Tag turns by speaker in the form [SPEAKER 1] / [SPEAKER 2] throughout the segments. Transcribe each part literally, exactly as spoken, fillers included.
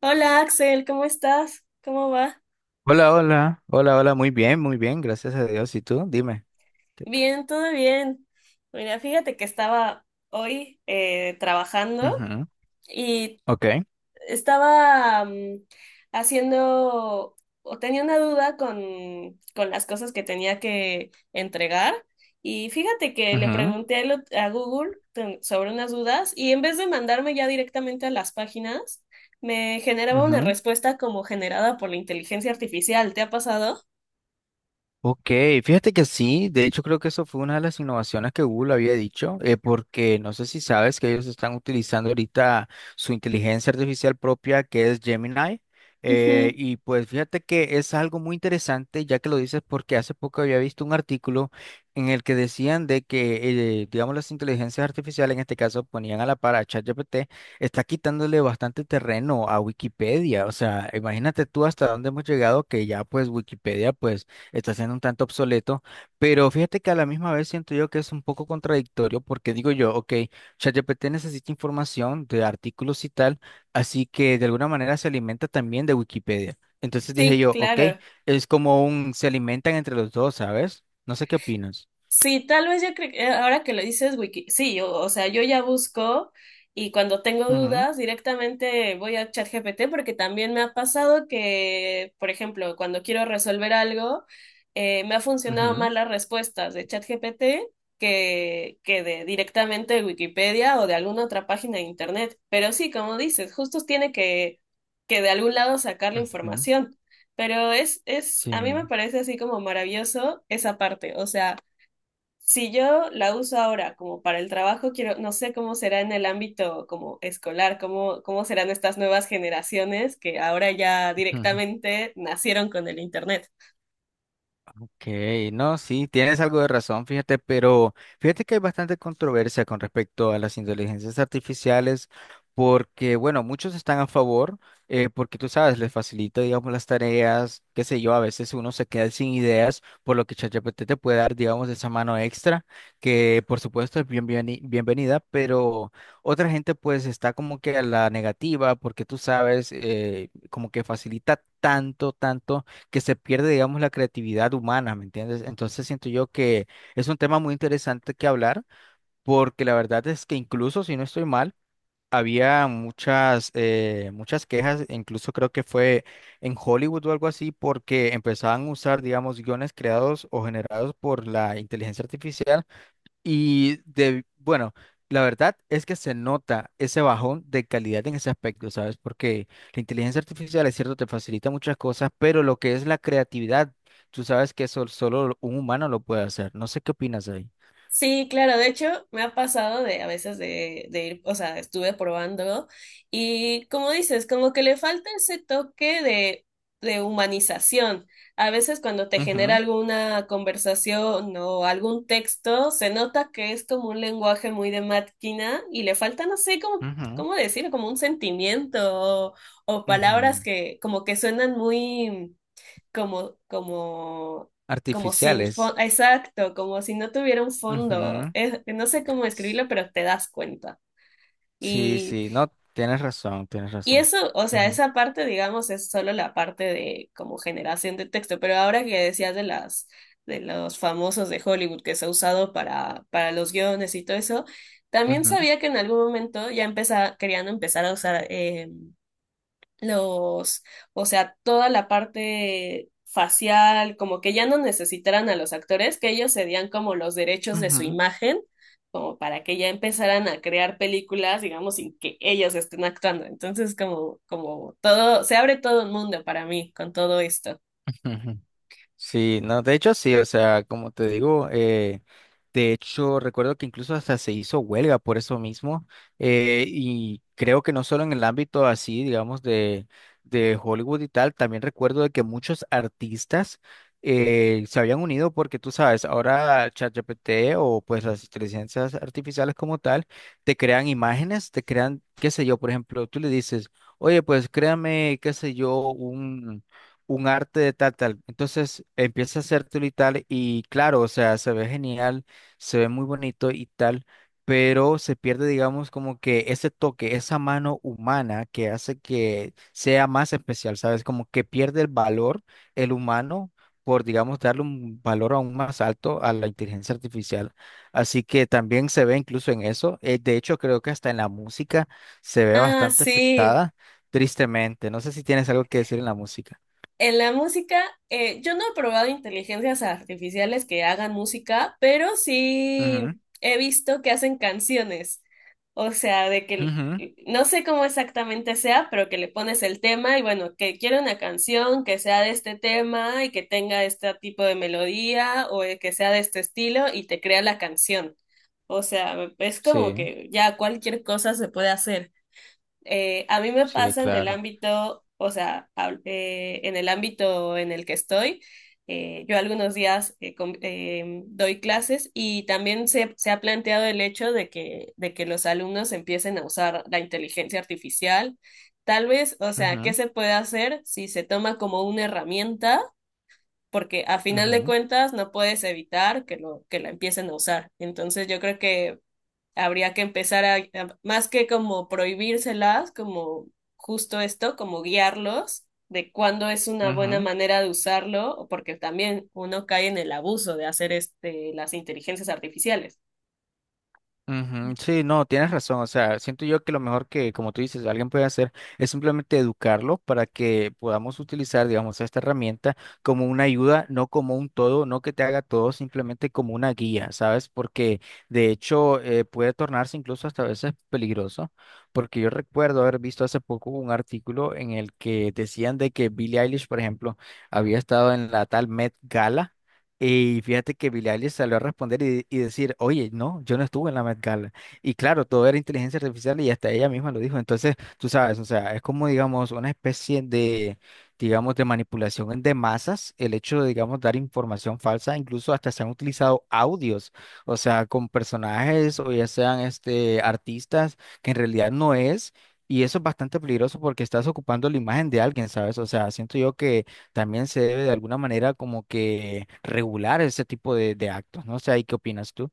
[SPEAKER 1] Hola Axel, ¿cómo estás? ¿Cómo va?
[SPEAKER 2] Hola, hola, hola, hola, muy bien, muy bien, gracias a Dios. ¿Y tú? Dime. ¿Qué t-
[SPEAKER 1] Bien, todo bien. Mira, fíjate que estaba hoy eh, trabajando
[SPEAKER 2] Ujú.
[SPEAKER 1] y
[SPEAKER 2] Ok.
[SPEAKER 1] estaba mm, haciendo o tenía una duda con, con las cosas que tenía que entregar y fíjate que le
[SPEAKER 2] Ujú,
[SPEAKER 1] pregunté a lo- a Google ten- sobre unas dudas y en vez de mandarme ya directamente a las páginas, me generaba una
[SPEAKER 2] ujú.
[SPEAKER 1] respuesta como generada por la inteligencia artificial. ¿Te ha pasado?
[SPEAKER 2] Ok, fíjate que sí, de hecho creo que eso fue una de las innovaciones que Google había dicho, eh, porque no sé si sabes que ellos están utilizando ahorita su inteligencia artificial propia que es Gemini.
[SPEAKER 1] Ujú.
[SPEAKER 2] Eh, y pues fíjate que es algo muy interesante ya que lo dices porque hace poco había visto un artículo en el que decían de que, eh, digamos, las inteligencias artificiales, en este caso ponían a la par a ChatGPT, está quitándole bastante terreno a Wikipedia, o sea, imagínate tú hasta dónde hemos llegado que ya pues Wikipedia pues está siendo un tanto obsoleto, pero fíjate que a la misma vez siento yo que es un poco contradictorio porque digo yo, ok, ChatGPT necesita información de artículos y tal, así que de alguna manera se alimenta también de Wikipedia. Entonces dije
[SPEAKER 1] Sí,
[SPEAKER 2] yo, ok,
[SPEAKER 1] claro.
[SPEAKER 2] es como un, se alimentan entre los dos, ¿sabes? No sé qué opinas.
[SPEAKER 1] Sí, tal vez yo creo que eh, ahora que lo dices, Wiki, sí, o, o sea, yo ya busco y cuando tengo
[SPEAKER 2] Ujú,
[SPEAKER 1] dudas directamente voy a ChatGPT porque también me ha pasado que, por ejemplo, cuando quiero resolver algo, eh, me ha funcionado
[SPEAKER 2] ujú,
[SPEAKER 1] más las respuestas de ChatGPT que, que de directamente de Wikipedia o de alguna otra página de internet. Pero sí, como dices, justo tiene que, que de algún lado sacar la
[SPEAKER 2] ujú,
[SPEAKER 1] información. Pero es, es,
[SPEAKER 2] sí.
[SPEAKER 1] a mí me parece así como maravilloso esa parte, o sea si yo la uso ahora como para el trabajo, quiero, no sé cómo será en el ámbito como escolar, cómo, cómo serán estas nuevas generaciones que ahora ya directamente nacieron con el internet.
[SPEAKER 2] Ok, no, sí, tienes algo de razón, fíjate, pero fíjate que hay bastante controversia con respecto a las inteligencias artificiales, porque, bueno, muchos están a favor, eh, porque tú sabes, les facilita, digamos, las tareas, qué sé yo, a veces uno se queda sin ideas, por lo que ChatGPT te puede dar, digamos, esa mano extra, que por supuesto es bien, bienveni- bienvenida, pero otra gente pues está como que a la negativa, porque tú sabes, eh, como que facilita tanto, tanto que se pierde, digamos, la creatividad humana, ¿me entiendes? Entonces siento yo que es un tema muy interesante que hablar, porque la verdad es que incluso si no estoy mal, había muchas, eh, muchas quejas, incluso creo que fue en Hollywood o algo así, porque empezaban a usar, digamos, guiones creados o generados por la inteligencia artificial y de, bueno, la verdad es que se nota ese bajón de calidad en ese aspecto, ¿sabes? Porque la inteligencia artificial, es cierto, te facilita muchas cosas, pero lo que es la creatividad, tú sabes que eso solo un humano lo puede hacer. No sé qué opinas ahí.
[SPEAKER 1] Sí, claro, de hecho me ha pasado de a veces de, de ir, o sea, estuve probando y como dices, como que le falta ese toque de, de humanización. A veces cuando te genera
[SPEAKER 2] Ujú,
[SPEAKER 1] alguna conversación o algún texto, se nota que es como un lenguaje muy de máquina y le falta, no sé, como,
[SPEAKER 2] ujú,
[SPEAKER 1] cómo decirlo, como un sentimiento o, o palabras
[SPEAKER 2] ujú.
[SPEAKER 1] que como que suenan muy como, como, como sin fondo,
[SPEAKER 2] Artificiales.
[SPEAKER 1] exacto, como si no tuviera un fondo.
[SPEAKER 2] Ujú.
[SPEAKER 1] Es- no sé cómo
[SPEAKER 2] S-
[SPEAKER 1] escribirlo, pero te das cuenta.
[SPEAKER 2] Sí,
[SPEAKER 1] Y,
[SPEAKER 2] sí, no, tienes razón, tienes
[SPEAKER 1] y
[SPEAKER 2] razón.
[SPEAKER 1] eso, o sea,
[SPEAKER 2] Ujú,
[SPEAKER 1] esa parte, digamos, es solo la parte de como generación de texto, pero ahora que decías de las, de los famosos de Hollywood que se ha usado para, para los guiones y todo eso, también
[SPEAKER 2] ujú,
[SPEAKER 1] sabía que en algún momento ya empezaba, querían empezar a usar eh, los, o sea, toda la parte facial, como que ya no necesitaran a los actores, que ellos cedían como los derechos de su
[SPEAKER 2] ujú,
[SPEAKER 1] imagen, como para que ya empezaran a crear películas, digamos, sin que ellos estén actuando. Entonces, como, como todo, se abre todo un mundo para mí con todo esto.
[SPEAKER 2] ujú. Sí, no, de hecho sí, o sea, como te digo, eh, de hecho recuerdo que incluso hasta se hizo huelga por eso mismo, eh, y creo que no solo en el ámbito así, digamos, de, de Hollywood y tal, también recuerdo de que muchos artistas eh, se habían unido porque tú sabes, ahora ChatGPT o pues las inteligencias artificiales como tal, te crean imágenes, te crean, qué sé yo, por ejemplo, tú le dices, oye, pues créame, qué sé yo, un arte de tal, tal. Entonces empieza a hacértelo y tal, y claro, o sea, se ve genial, se ve muy bonito y tal, pero se pierde, digamos, como que ese toque, esa mano humana que hace que sea más especial, ¿sabes? Como que pierde el valor el humano por, digamos, darle un valor aún más alto a la inteligencia artificial. Así que también se ve incluso en eso. Eh, de hecho, creo que hasta en la música se ve
[SPEAKER 1] Ah,
[SPEAKER 2] bastante
[SPEAKER 1] sí.
[SPEAKER 2] afectada, tristemente. No sé si tienes algo que decir en la música.
[SPEAKER 1] En la música, eh, yo no he probado inteligencias artificiales que hagan música, pero sí
[SPEAKER 2] Ujú,
[SPEAKER 1] he visto que hacen canciones. O sea, de que
[SPEAKER 2] ujú,
[SPEAKER 1] no sé cómo exactamente sea, pero que le pones el tema y bueno, que quiero una canción que sea de este tema y que tenga este tipo de melodía o eh, que sea de este estilo y te crea la canción. O sea, es como
[SPEAKER 2] sí,
[SPEAKER 1] que ya cualquier cosa se puede hacer. Eh, a mí me
[SPEAKER 2] sí,
[SPEAKER 1] pasa en el
[SPEAKER 2] claro.
[SPEAKER 1] ámbito, o sea, hab- eh, en el ámbito en el que estoy, eh, yo algunos días eh, com- eh, doy clases y también se, se ha planteado el hecho de que, de que los alumnos empiecen a usar la inteligencia artificial. Tal vez, o sea, ¿qué
[SPEAKER 2] Ujú,
[SPEAKER 1] se puede hacer si se toma como una herramienta? Porque a final de
[SPEAKER 2] ujú,
[SPEAKER 1] cuentas no puedes evitar que lo, que la empiecen a usar. Entonces yo creo que habría que empezar a, a- más que como prohibírselas, como justo esto, como guiarlos de cuándo es una buena
[SPEAKER 2] ujú.
[SPEAKER 1] manera de usarlo, porque también uno cae en el abuso de hacer este, las inteligencias artificiales.
[SPEAKER 2] Ujú, sí, no, tienes razón. O sea, siento yo que lo mejor que, como tú dices, alguien puede hacer es simplemente educarlo para que podamos utilizar, digamos, esta herramienta como una ayuda, no como un todo, no que te haga todo, simplemente como una guía, ¿sabes? Porque de hecho eh, puede tornarse incluso hasta a veces peligroso, porque yo recuerdo haber visto hace poco un artículo en el que decían de que Billie Eilish, por ejemplo, había estado en la tal Met Gala. Y fíjate que Billie Eilish salió a responder y, y decir, oye, no, yo no estuve en la Met Gala. Y claro, todo era inteligencia artificial y hasta ella misma lo dijo. Entonces, tú sabes, o sea, es como, digamos, una especie de, digamos, de manipulación en- de masas, el hecho de, digamos, dar información falsa, incluso hasta se han utilizado audios, o sea, con personajes o ya sean, este, artistas, que en realidad no es. Y eso es bastante peligroso porque estás ocupando la imagen de alguien, ¿sabes? O sea, siento yo que también se debe de alguna manera como que regular ese tipo de, de actos, ¿no? O sea, ¿y qué opinas tú?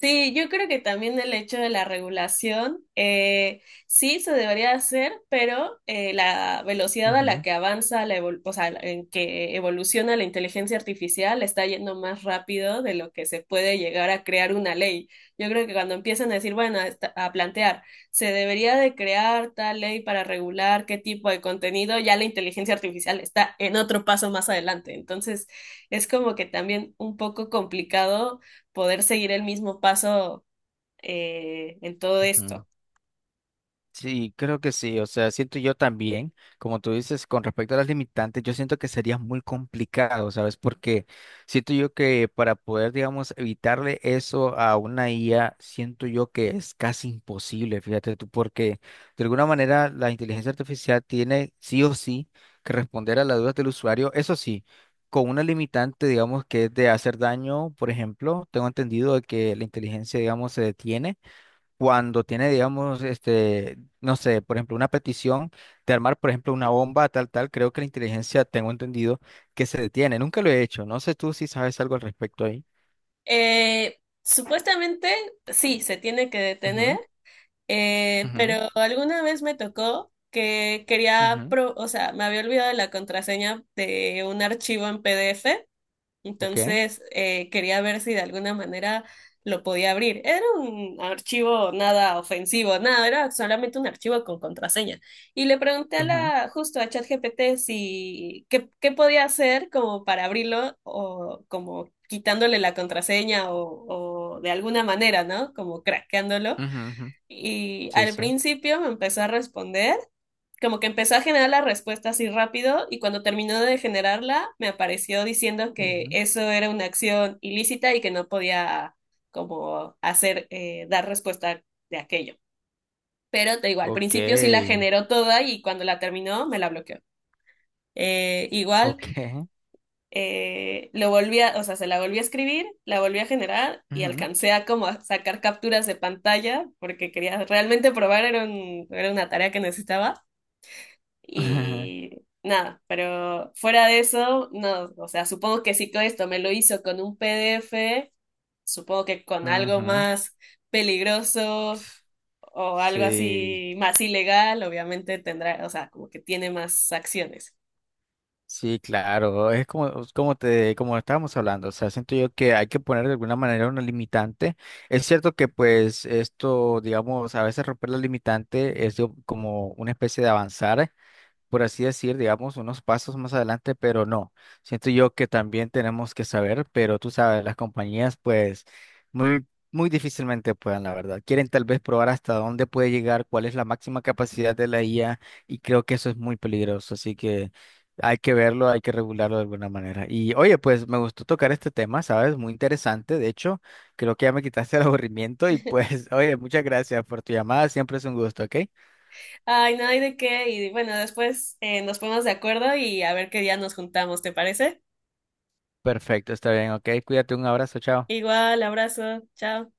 [SPEAKER 1] Sí, yo creo que también el hecho de la regulación, eh, sí se debería hacer, pero eh, la velocidad a la
[SPEAKER 2] Ujú,
[SPEAKER 1] que avanza, la evol- o sea, en que evoluciona la inteligencia artificial está yendo más rápido de lo que se puede llegar a crear una ley. Yo creo que cuando empiezan a decir, bueno, a, esta- a plantear, se debería de crear tal ley para regular qué tipo de contenido, ya la inteligencia artificial está en otro paso más adelante. Entonces, es como que también un poco complicado poder seguir el mismo paso eh, en todo
[SPEAKER 2] ujú.
[SPEAKER 1] esto.
[SPEAKER 2] Sí, creo que sí. O sea, siento yo también, como tú dices, con respecto a las limitantes, yo siento que sería muy complicado, ¿sabes? Porque siento yo que para poder, digamos, evitarle eso a una I A, siento yo que es casi imposible, fíjate tú, porque de alguna manera la inteligencia artificial tiene sí o sí que responder a las dudas del usuario, eso sí. Con una limitante, digamos, que es de hacer daño, por ejemplo, tengo entendido de que la inteligencia, digamos, se detiene cuando tiene, digamos, este, no sé, por ejemplo, una petición de armar, por ejemplo, una bomba, tal, tal, creo que la inteligencia, tengo entendido, que se detiene. Nunca lo he hecho. No sé tú si sabes algo al respecto ahí.
[SPEAKER 1] Eh, supuestamente, sí, se tiene que detener,
[SPEAKER 2] Ujú,
[SPEAKER 1] eh,
[SPEAKER 2] ujú,
[SPEAKER 1] pero alguna vez me tocó que quería,
[SPEAKER 2] ujú,
[SPEAKER 1] pro- o sea, me había olvidado la contraseña de un archivo en PDF.
[SPEAKER 2] ok.
[SPEAKER 1] Entonces, eh, quería ver si de alguna manera lo podía abrir. Era un archivo nada ofensivo, nada, era solamente un archivo con contraseña. Y le pregunté a
[SPEAKER 2] Ujú,
[SPEAKER 1] la, justo a ChatGPT si qué, qué podía hacer como para abrirlo o como quitándole la contraseña o, o de alguna manera, ¿no? Como craqueándolo.
[SPEAKER 2] ujú, ujú,
[SPEAKER 1] Y
[SPEAKER 2] sí,
[SPEAKER 1] al
[SPEAKER 2] sí.
[SPEAKER 1] principio me empezó a responder como que empezó a generar la respuesta así rápido y cuando terminó de generarla me apareció diciendo que
[SPEAKER 2] Ujú,
[SPEAKER 1] eso era una acción ilícita y que no podía como hacer, eh, dar respuesta de aquello. Pero te digo, al
[SPEAKER 2] ok.
[SPEAKER 1] principio sí la generó toda y cuando la terminó me la bloqueó. Eh, igual
[SPEAKER 2] Ok.
[SPEAKER 1] eh, lo volví a, o sea, se la volví a escribir, la volví a generar y
[SPEAKER 2] Ujú,
[SPEAKER 1] alcancé a como a sacar capturas de pantalla porque quería realmente probar, era, un, era una tarea que necesitaba. Y nada, pero fuera de eso, no, o sea, supongo que si todo esto me lo hizo con un PDF, supongo que con algo
[SPEAKER 2] ujú,
[SPEAKER 1] más peligroso o algo
[SPEAKER 2] sí.
[SPEAKER 1] así más ilegal, obviamente tendrá, o sea, como que tiene más acciones.
[SPEAKER 2] Sí, claro, es como, como te, como estábamos hablando, o sea, siento yo que hay que poner de alguna manera una limitante. Es cierto que pues esto, digamos, a veces romper la limitante es de- como una especie de avanzar, por así decir, digamos, unos pasos más adelante, pero no. Siento yo que también tenemos que saber, pero tú sabes, las compañías pues muy, muy difícilmente puedan, la verdad. Quieren tal vez probar hasta dónde puede llegar, cuál es la máxima capacidad de la I A y creo que eso es muy peligroso, así que hay que verlo, hay que regularlo de alguna manera. Y oye, pues me gustó tocar este tema, ¿sabes? Muy interesante, de hecho, creo que ya me quitaste el aburrimiento y pues, oye, muchas gracias por tu llamada, siempre es un gusto, ¿ok?
[SPEAKER 1] Ay, no hay de qué, y bueno, después eh, nos ponemos de acuerdo y a ver qué día nos juntamos, ¿te parece?
[SPEAKER 2] Perfecto, está bien, ok. Cuídate, un abrazo, chao.
[SPEAKER 1] Igual, abrazo, chao.